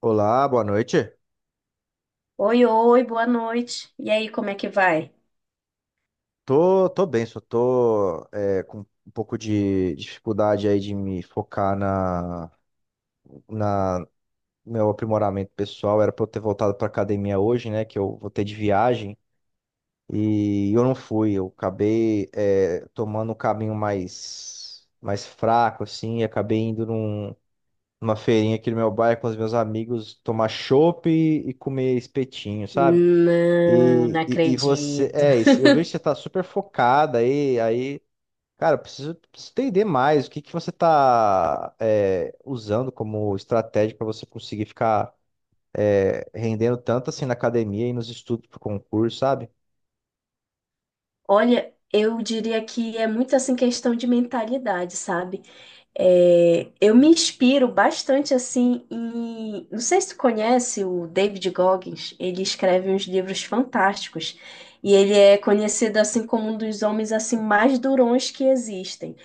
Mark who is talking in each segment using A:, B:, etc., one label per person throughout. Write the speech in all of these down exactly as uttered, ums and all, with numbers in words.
A: Olá, boa noite.
B: Oi, oi, boa noite. E aí, como é que vai?
A: Tô, tô bem, só tô é, com um pouco de dificuldade aí de me focar na, na meu aprimoramento pessoal. Era pra eu ter voltado pra academia hoje, né? Que eu voltei de viagem e eu não fui. Eu acabei é, tomando um caminho mais, mais fraco, assim, e acabei indo num- numa feirinha aqui no meu bairro com os meus amigos tomar chopp e, e comer espetinho, sabe?
B: Não, não
A: E, e, e você,
B: acredito.
A: é, e se- eu vejo que você tá super focada aí, aí, cara, eu preciso, preciso entender mais o que que você tá é, usando como estratégia para você conseguir ficar é, rendendo tanto assim na academia e nos estudos pro concurso, sabe?
B: Olha, eu diria que é muito assim questão de mentalidade, sabe? É, eu me inspiro bastante assim em. Não sei se tu conhece o David Goggins, ele escreve uns livros fantásticos e ele é conhecido assim como um dos homens assim mais durões que existem.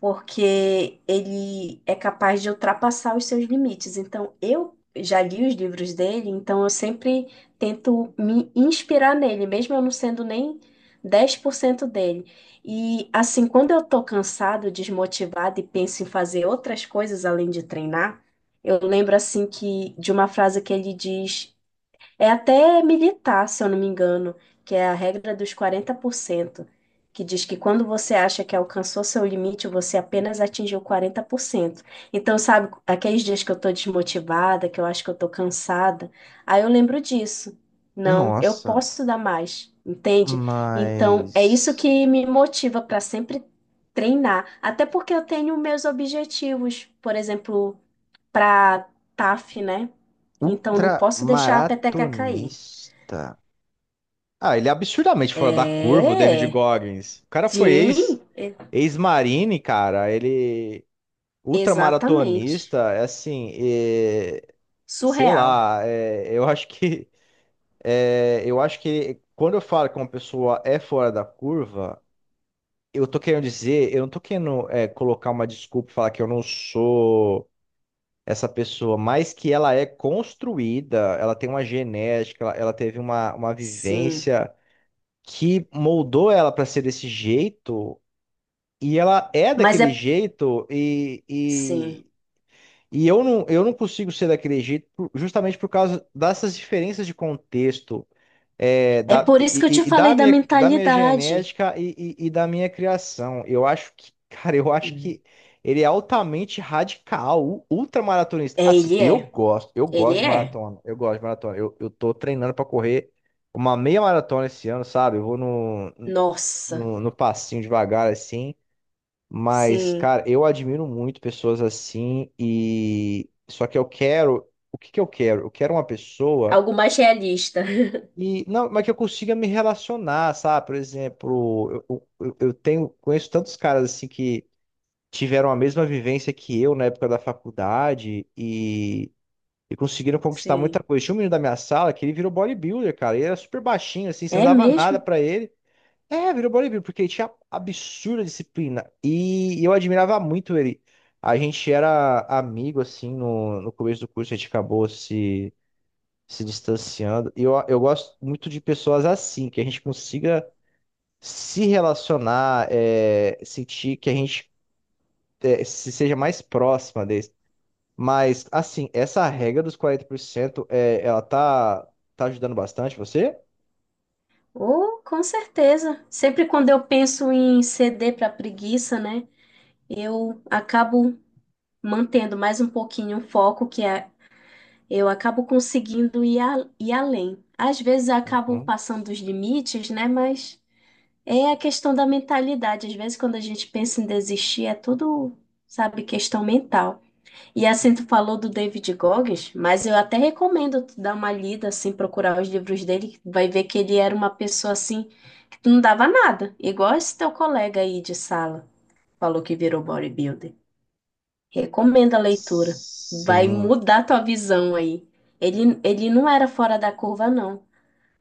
B: Porque ele é capaz de ultrapassar os seus limites. Então, eu já li os livros dele, então eu sempre tento me inspirar nele, mesmo eu não sendo nem dez por cento dele. E assim, quando eu tô cansado, desmotivado e penso em fazer outras coisas além de treinar, eu lembro assim que de uma frase que ele diz é até militar, se eu não me engano, que é a regra dos quarenta por cento, que diz que quando você acha que alcançou seu limite, você apenas atingiu quarenta por cento. Então, sabe, aqueles dias que eu tô desmotivada, que eu acho que eu tô cansada, aí eu lembro disso. Não, eu
A: Nossa,
B: posso dar mais, entende? Então, é isso
A: mas
B: que me motiva para sempre treinar, até porque eu tenho meus objetivos, por exemplo, para T A F, né? Então não posso deixar a peteca cair.
A: ultramaratonista. Ah, ele é absurdamente fora da curva, o David
B: É,
A: Goggins. O cara foi
B: sim,
A: ex,
B: é-
A: ex-marine, cara. Ele
B: exatamente.
A: Ultramaratonista, é assim, é, sei
B: Surreal.
A: lá, é, eu acho que é, eu acho que quando eu falo que uma pessoa é fora da curva, eu tô querendo dizer, eu não tô querendo é, colocar uma desculpa e falar que eu não sou essa pessoa, mas que ela é construída, ela tem uma genética, ela, ela teve uma, uma
B: Sim,
A: vivência que moldou ela para ser desse jeito, e ela é
B: mas é
A: daquele jeito,
B: sim.
A: e, E eu não, eu não consigo ser daquele jeito por- justamente por causa dessas diferenças de contexto, é,
B: É
A: da,
B: por isso
A: e,
B: que eu te
A: e- e da
B: falei da
A: minha, da minha
B: mentalidade.
A: genética e, e- e da minha criação. Eu acho que, cara, eu acho
B: Hum.
A: que ele é altamente radical, u- ultramaratonista.
B: É,
A: Assim,
B: ele
A: eu
B: é.
A: gosto, eu
B: Ele
A: gosto de
B: é.
A: maratona, eu gosto de maratona. Eu, eu tô treinando pra correr uma meia maratona esse ano, sabe? Eu vou no,
B: Nossa.
A: no, no passinho devagar, assim. Mas,
B: Sim,
A: cara, eu admiro muito pessoas assim e só que eu quero, o que que eu quero? Eu quero uma pessoa
B: algo mais realista.
A: e não, mas que eu consiga me relacionar, sabe? Por exemplo, eu, eu, eu tenho conheço tantos caras assim que tiveram a mesma vivência que eu na época da faculdade e E conseguiram conquistar
B: Sim.
A: muita coisa. Tinha um menino da minha sala que ele virou bodybuilder, cara. Ele era super baixinho, assim, você não
B: É
A: dava
B: mesmo?
A: nada pra ele. É, virou bodybuilder, porque ele tinha absurda disciplina. E eu admirava muito ele. A gente era amigo, assim, no, no começo do curso, a gente acabou se, se distanciando. E eu, eu gosto muito de pessoas assim, que a gente consiga se relacionar, é, sentir que a gente é, se seja mais próxima deles. Mas, assim, essa regra dos quarenta por cento é, ela tá, tá ajudando bastante você?
B: Oh, com certeza. Sempre quando eu penso em ceder para preguiça, né? Eu acabo mantendo mais um pouquinho o foco, que é, eu acabo conseguindo ir, a- ir além. Às vezes eu acabo
A: Uhum.
B: passando dos limites, né? Mas é a questão da mentalidade. Às vezes, quando a gente pensa em desistir, é tudo, sabe, questão mental. E assim, tu falou do David Goggins, mas eu até recomendo tu dar uma lida, assim, procurar os livros dele, que tu vai ver que ele era uma pessoa, assim, que tu não dava nada, igual esse teu colega aí de sala, falou que virou bodybuilder. Recomendo a leitura. Vai
A: Sim.
B: mudar tua visão aí. Ele, ele não era fora da curva, não.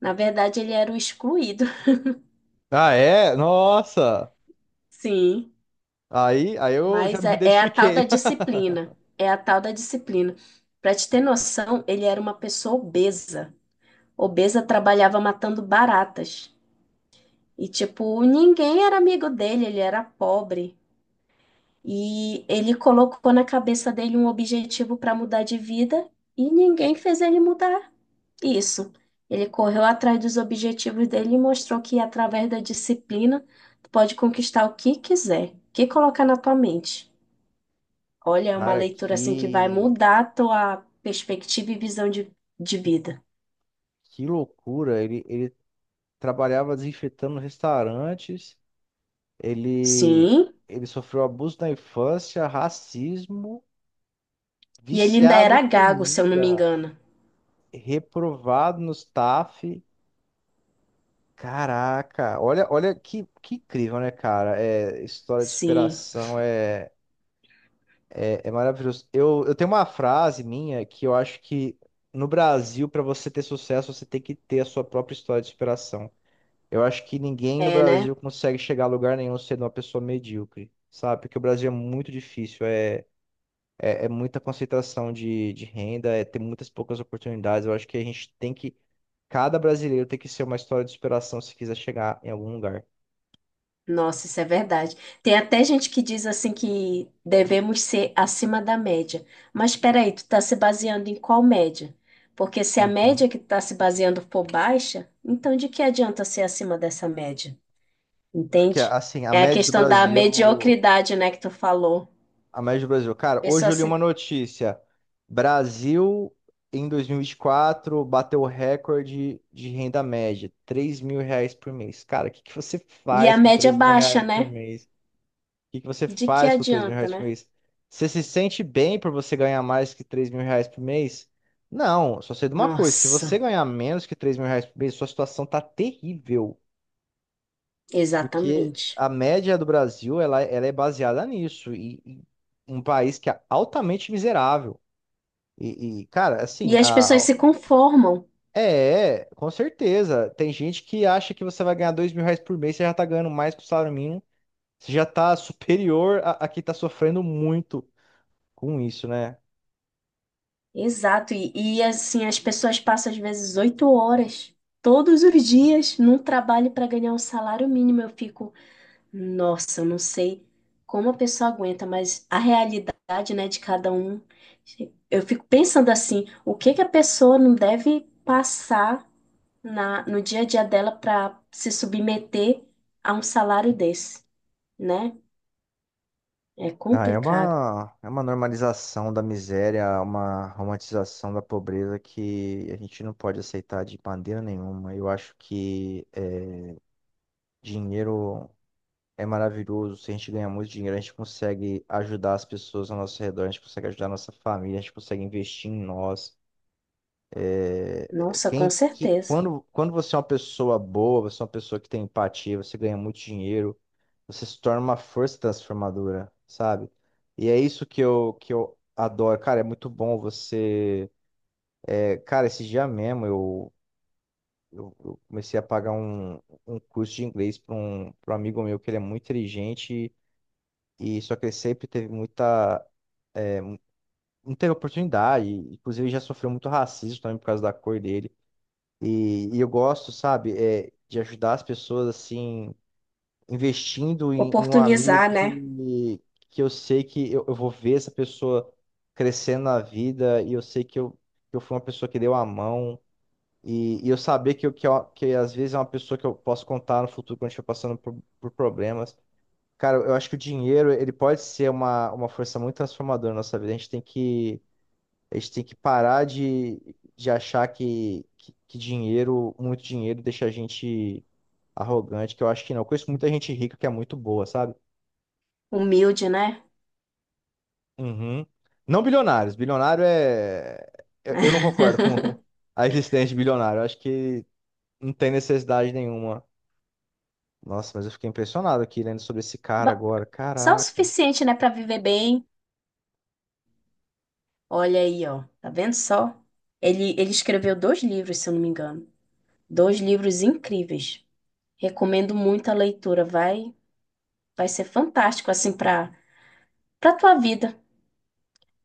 B: Na verdade, ele era o excluído.
A: Ah, é? Nossa!
B: Sim,
A: Aí, aí eu já
B: mas
A: me
B: é, é a tal da
A: identifiquei.
B: disciplina. É a tal da disciplina. Pra te ter noção, ele era uma pessoa obesa. Obesa trabalhava matando baratas. E, tipo, ninguém era amigo dele, ele era pobre. E ele colocou na cabeça dele um objetivo para mudar de vida e ninguém fez ele mudar. Isso. Ele correu atrás dos objetivos dele e mostrou que através da disciplina tu pode conquistar o que quiser, o que colocar na tua mente. Olha, é uma
A: Cara,
B: leitura assim que vai
A: que,
B: mudar a tua perspectiva e visão de, de vida.
A: que loucura. Ele, ele trabalhava desinfetando restaurantes, ele,
B: Sim.
A: ele sofreu abuso na infância, racismo,
B: E ele ainda
A: viciado em
B: era gago, se eu não me
A: comida,
B: engano.
A: reprovado no staff. Caraca, olha, olha que, que incrível, né, cara? É, história de
B: Sim.
A: superação é, É, é maravilhoso. Eu, eu tenho uma frase minha que eu acho que no Brasil, para você ter sucesso, você tem que ter a sua própria história de superação. Eu acho que ninguém no
B: É, né?
A: Brasil consegue chegar a lugar nenhum sendo uma pessoa medíocre, sabe? Porque o Brasil é muito difícil, é, é, é muita concentração de, de renda, é ter muitas poucas oportunidades. Eu acho que a gente tem que, cada brasileiro tem que ser uma história de superação se quiser chegar em algum lugar.
B: Nossa, isso é verdade. Tem até gente que diz assim que devemos ser acima da média. Mas espera aí, tu está se baseando em qual média? Porque se a
A: Uhum.
B: média que tu está se baseando for baixa, então de que adianta ser acima dessa média?
A: Porque,
B: Entende?
A: assim, a
B: É a
A: média do
B: questão da
A: Brasil.
B: mediocridade, né, que tu falou.
A: A média do Brasil. Cara, hoje
B: Pessoa
A: eu li uma
B: se-
A: notícia. Brasil, em dois mil e e vinte e quatro bateu o recorde de renda média, três mil reais por mês. Cara, o que que você
B: E a
A: faz com
B: média
A: três mil reais
B: baixa,
A: por
B: né?
A: mês? O que que você
B: De que
A: faz com três mil
B: adianta,
A: reais por
B: né?
A: mês? Você se sente bem por você ganhar mais que três mil reais por mês? Não, só sei de uma coisa. Se você
B: Nossa,
A: ganhar menos que três mil reais por mês, sua situação tá terrível. Porque
B: exatamente.
A: a média do Brasil, ela, ela é baseada nisso. E, e um país que é altamente miserável. E, e, cara, assim,
B: E as
A: a,
B: pessoas se conformam.
A: é, é, com certeza. Tem gente que acha que você vai ganhar dois mil reais por mês, você já tá ganhando mais que o salário mínimo. Você já tá superior a, a quem tá sofrendo muito com isso, né?
B: Exato, e, e assim, as pessoas passam às vezes oito horas todos os dias num trabalho para ganhar um salário mínimo. Eu fico, nossa, eu não sei como a pessoa aguenta, mas a realidade, né, de cada um, eu fico pensando assim, o que que a pessoa não deve passar na, no dia a dia dela para se submeter a um salário desse, né? É
A: Ah, é
B: complicado.
A: uma, é uma normalização da miséria, uma romantização da pobreza que a gente não pode aceitar de maneira nenhuma. Eu acho que dinheiro. é maravilhoso. Se a gente ganhar muito dinheiro, a gente consegue ajudar as pessoas ao nosso redor, a gente consegue ajudar a nossa família, a gente consegue investir em nós.
B: Nossa, com
A: Quem, que,
B: certeza.
A: quando, quando você é uma pessoa boa, você é uma pessoa que tem empatia, você ganha muito dinheiro, você se torna uma força transformadora, sabe? E é isso que eu, que eu adoro. Cara, é muito bom você. é, cara, esse dia mesmo eu. Eu eu comecei a pagar um, um curso de inglês para um, pra um amigo meu que ele é muito inteligente e só que ele sempre teve muita não teve oportunidade. Inclusive, ele já sofreu muito racismo também por causa da cor dele. E, e eu gosto, sabe, é, de ajudar as pessoas, assim, investindo em, em um amigo
B: Oportunizar, né?
A: que, que eu sei que eu, eu vou ver essa pessoa crescendo na vida e eu sei que eu, que eu fui uma pessoa que deu a mão. E, e eu saber que, eu, que, eu- que às vezes é uma pessoa que eu posso contar no futuro quando eu estiver passando por, por problemas. Cara, eu acho que o dinheiro, ele pode ser uma, uma força muito transformadora na nossa vida. A gente tem que a gente tem que parar de, de achar que, que, que dinheiro, muito dinheiro, deixa a gente arrogante, que eu acho que não. Eu conheço muita gente rica que é muito boa, sabe?
B: Humilde, né?
A: Uhum. Não bilionários. Bilionário é. Eu, eu não concordo com a existência de bilionário. Eu acho que não tem necessidade nenhuma. Nossa, mas eu fiquei impressionado aqui lendo sobre esse cara
B: Ba-
A: agora.
B: Só o
A: Caraca.
B: suficiente, né, para viver bem. Olha aí, ó. Tá vendo só? Ele, ele escreveu dois livros, se eu não me engano. Dois livros incríveis. Recomendo muito a leitura. Vai, vai ser fantástico, assim, para para tua vida.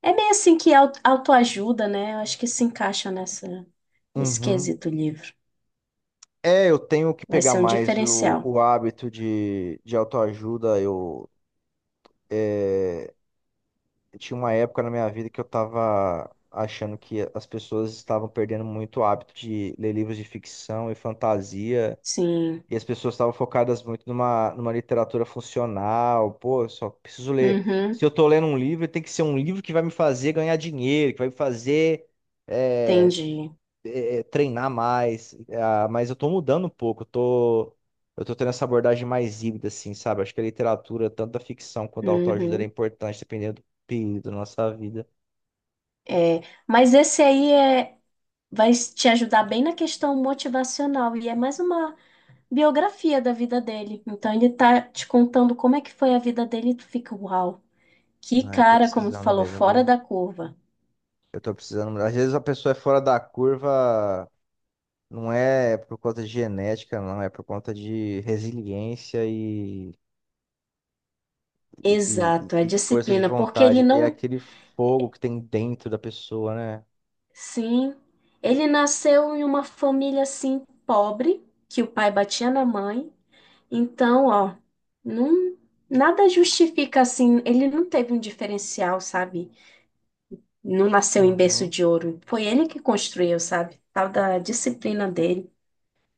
B: É meio assim que au- autoajuda, né? Eu acho que se encaixa nessa, nesse
A: Uhum.
B: quesito livro.
A: É, eu tenho que
B: Vai
A: pegar
B: ser um
A: mais o,
B: diferencial.
A: o hábito de, de autoajuda. Eu. é, tinha uma época na minha vida que eu tava achando que as pessoas estavam perdendo muito o hábito de ler livros de ficção e fantasia,
B: Sim.
A: e as pessoas estavam focadas muito numa, numa literatura funcional. Pô, eu só preciso ler.
B: Uhum.
A: Se eu tô lendo um livro, tem que ser um livro que vai me fazer ganhar dinheiro, que vai me fazer. eh,
B: Entendi.
A: é, treinar mais, ah, mas eu tô mudando um pouco, eu tô, eu tô tendo essa abordagem mais híbrida, assim, sabe? Acho que a literatura, tanto da ficção quanto da autoajuda, ela
B: Uhum.
A: é importante dependendo do período da nossa vida.
B: É, mas esse aí é, vai te ajudar bem na questão motivacional e é mais uma biografia da vida dele. Então ele tá te contando como é que foi a vida dele e tu fica, uau, que
A: Ah, eu tô
B: cara, como tu
A: precisando
B: falou,
A: mesmo,
B: fora
A: viu?
B: da curva.
A: Eu tô precisando. Às vezes a pessoa é fora da curva, não é por conta de genética, não, é por conta de resiliência e, e,
B: Exato, é
A: e- e força de
B: disciplina, porque ele
A: vontade. É
B: não,
A: aquele fogo que tem dentro da pessoa, né?
B: sim, ele nasceu em uma família assim pobre, que o pai batia na mãe. Então, ó, não, nada justifica assim, ele não teve um diferencial, sabe? Não nasceu em berço
A: Uhum.
B: de ouro. Foi ele que construiu, sabe? Tal da disciplina dele.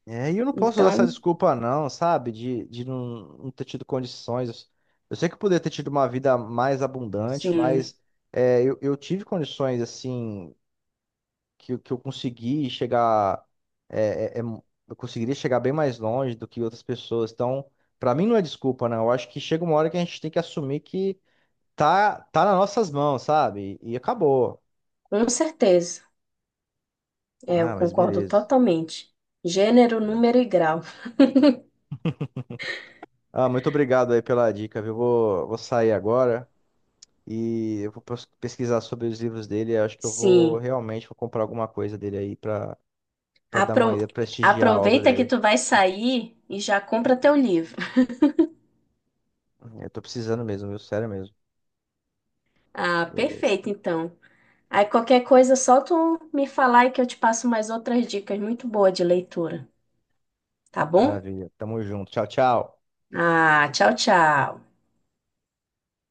A: É, e eu não posso usar essa
B: Então,
A: desculpa, não, sabe? De, de não, não ter tido condições. Eu sei que eu poderia ter tido uma vida mais abundante,
B: sim.
A: mas é, eu, eu tive condições, assim, que, eu- que eu consegui chegar. é, é, é, eu conseguiria chegar bem mais longe do que outras pessoas. Então, pra mim, não é desculpa, não. Eu acho que chega uma hora que a gente tem que assumir que tá, tá nas nossas mãos, sabe? E, acabou.
B: Com certeza, é, eu
A: Ah, mas
B: concordo
A: beleza.
B: totalmente. Gênero, número e grau.
A: Ah, muito obrigado aí pela dica, viu? Vou, vou sair agora. E eu vou pes- pesquisar sobre os livros dele. Eu acho que eu vou
B: Sim,
A: realmente vou comprar alguma coisa dele aí pra, pra dar uma
B: Apro-
A: ida, prestigiar a obra
B: aproveita que
A: dele.
B: tu vai sair e já compra teu livro.
A: Eu tô precisando mesmo, viu? Sério mesmo.
B: Ah,
A: Beleza.
B: perfeito, então. Aí qualquer coisa, só tu me falar e que eu te passo mais outras dicas muito boas de leitura, tá bom?
A: Maravilha. Tamo junto. Tchau, tchau.
B: Ah, tchau, tchau.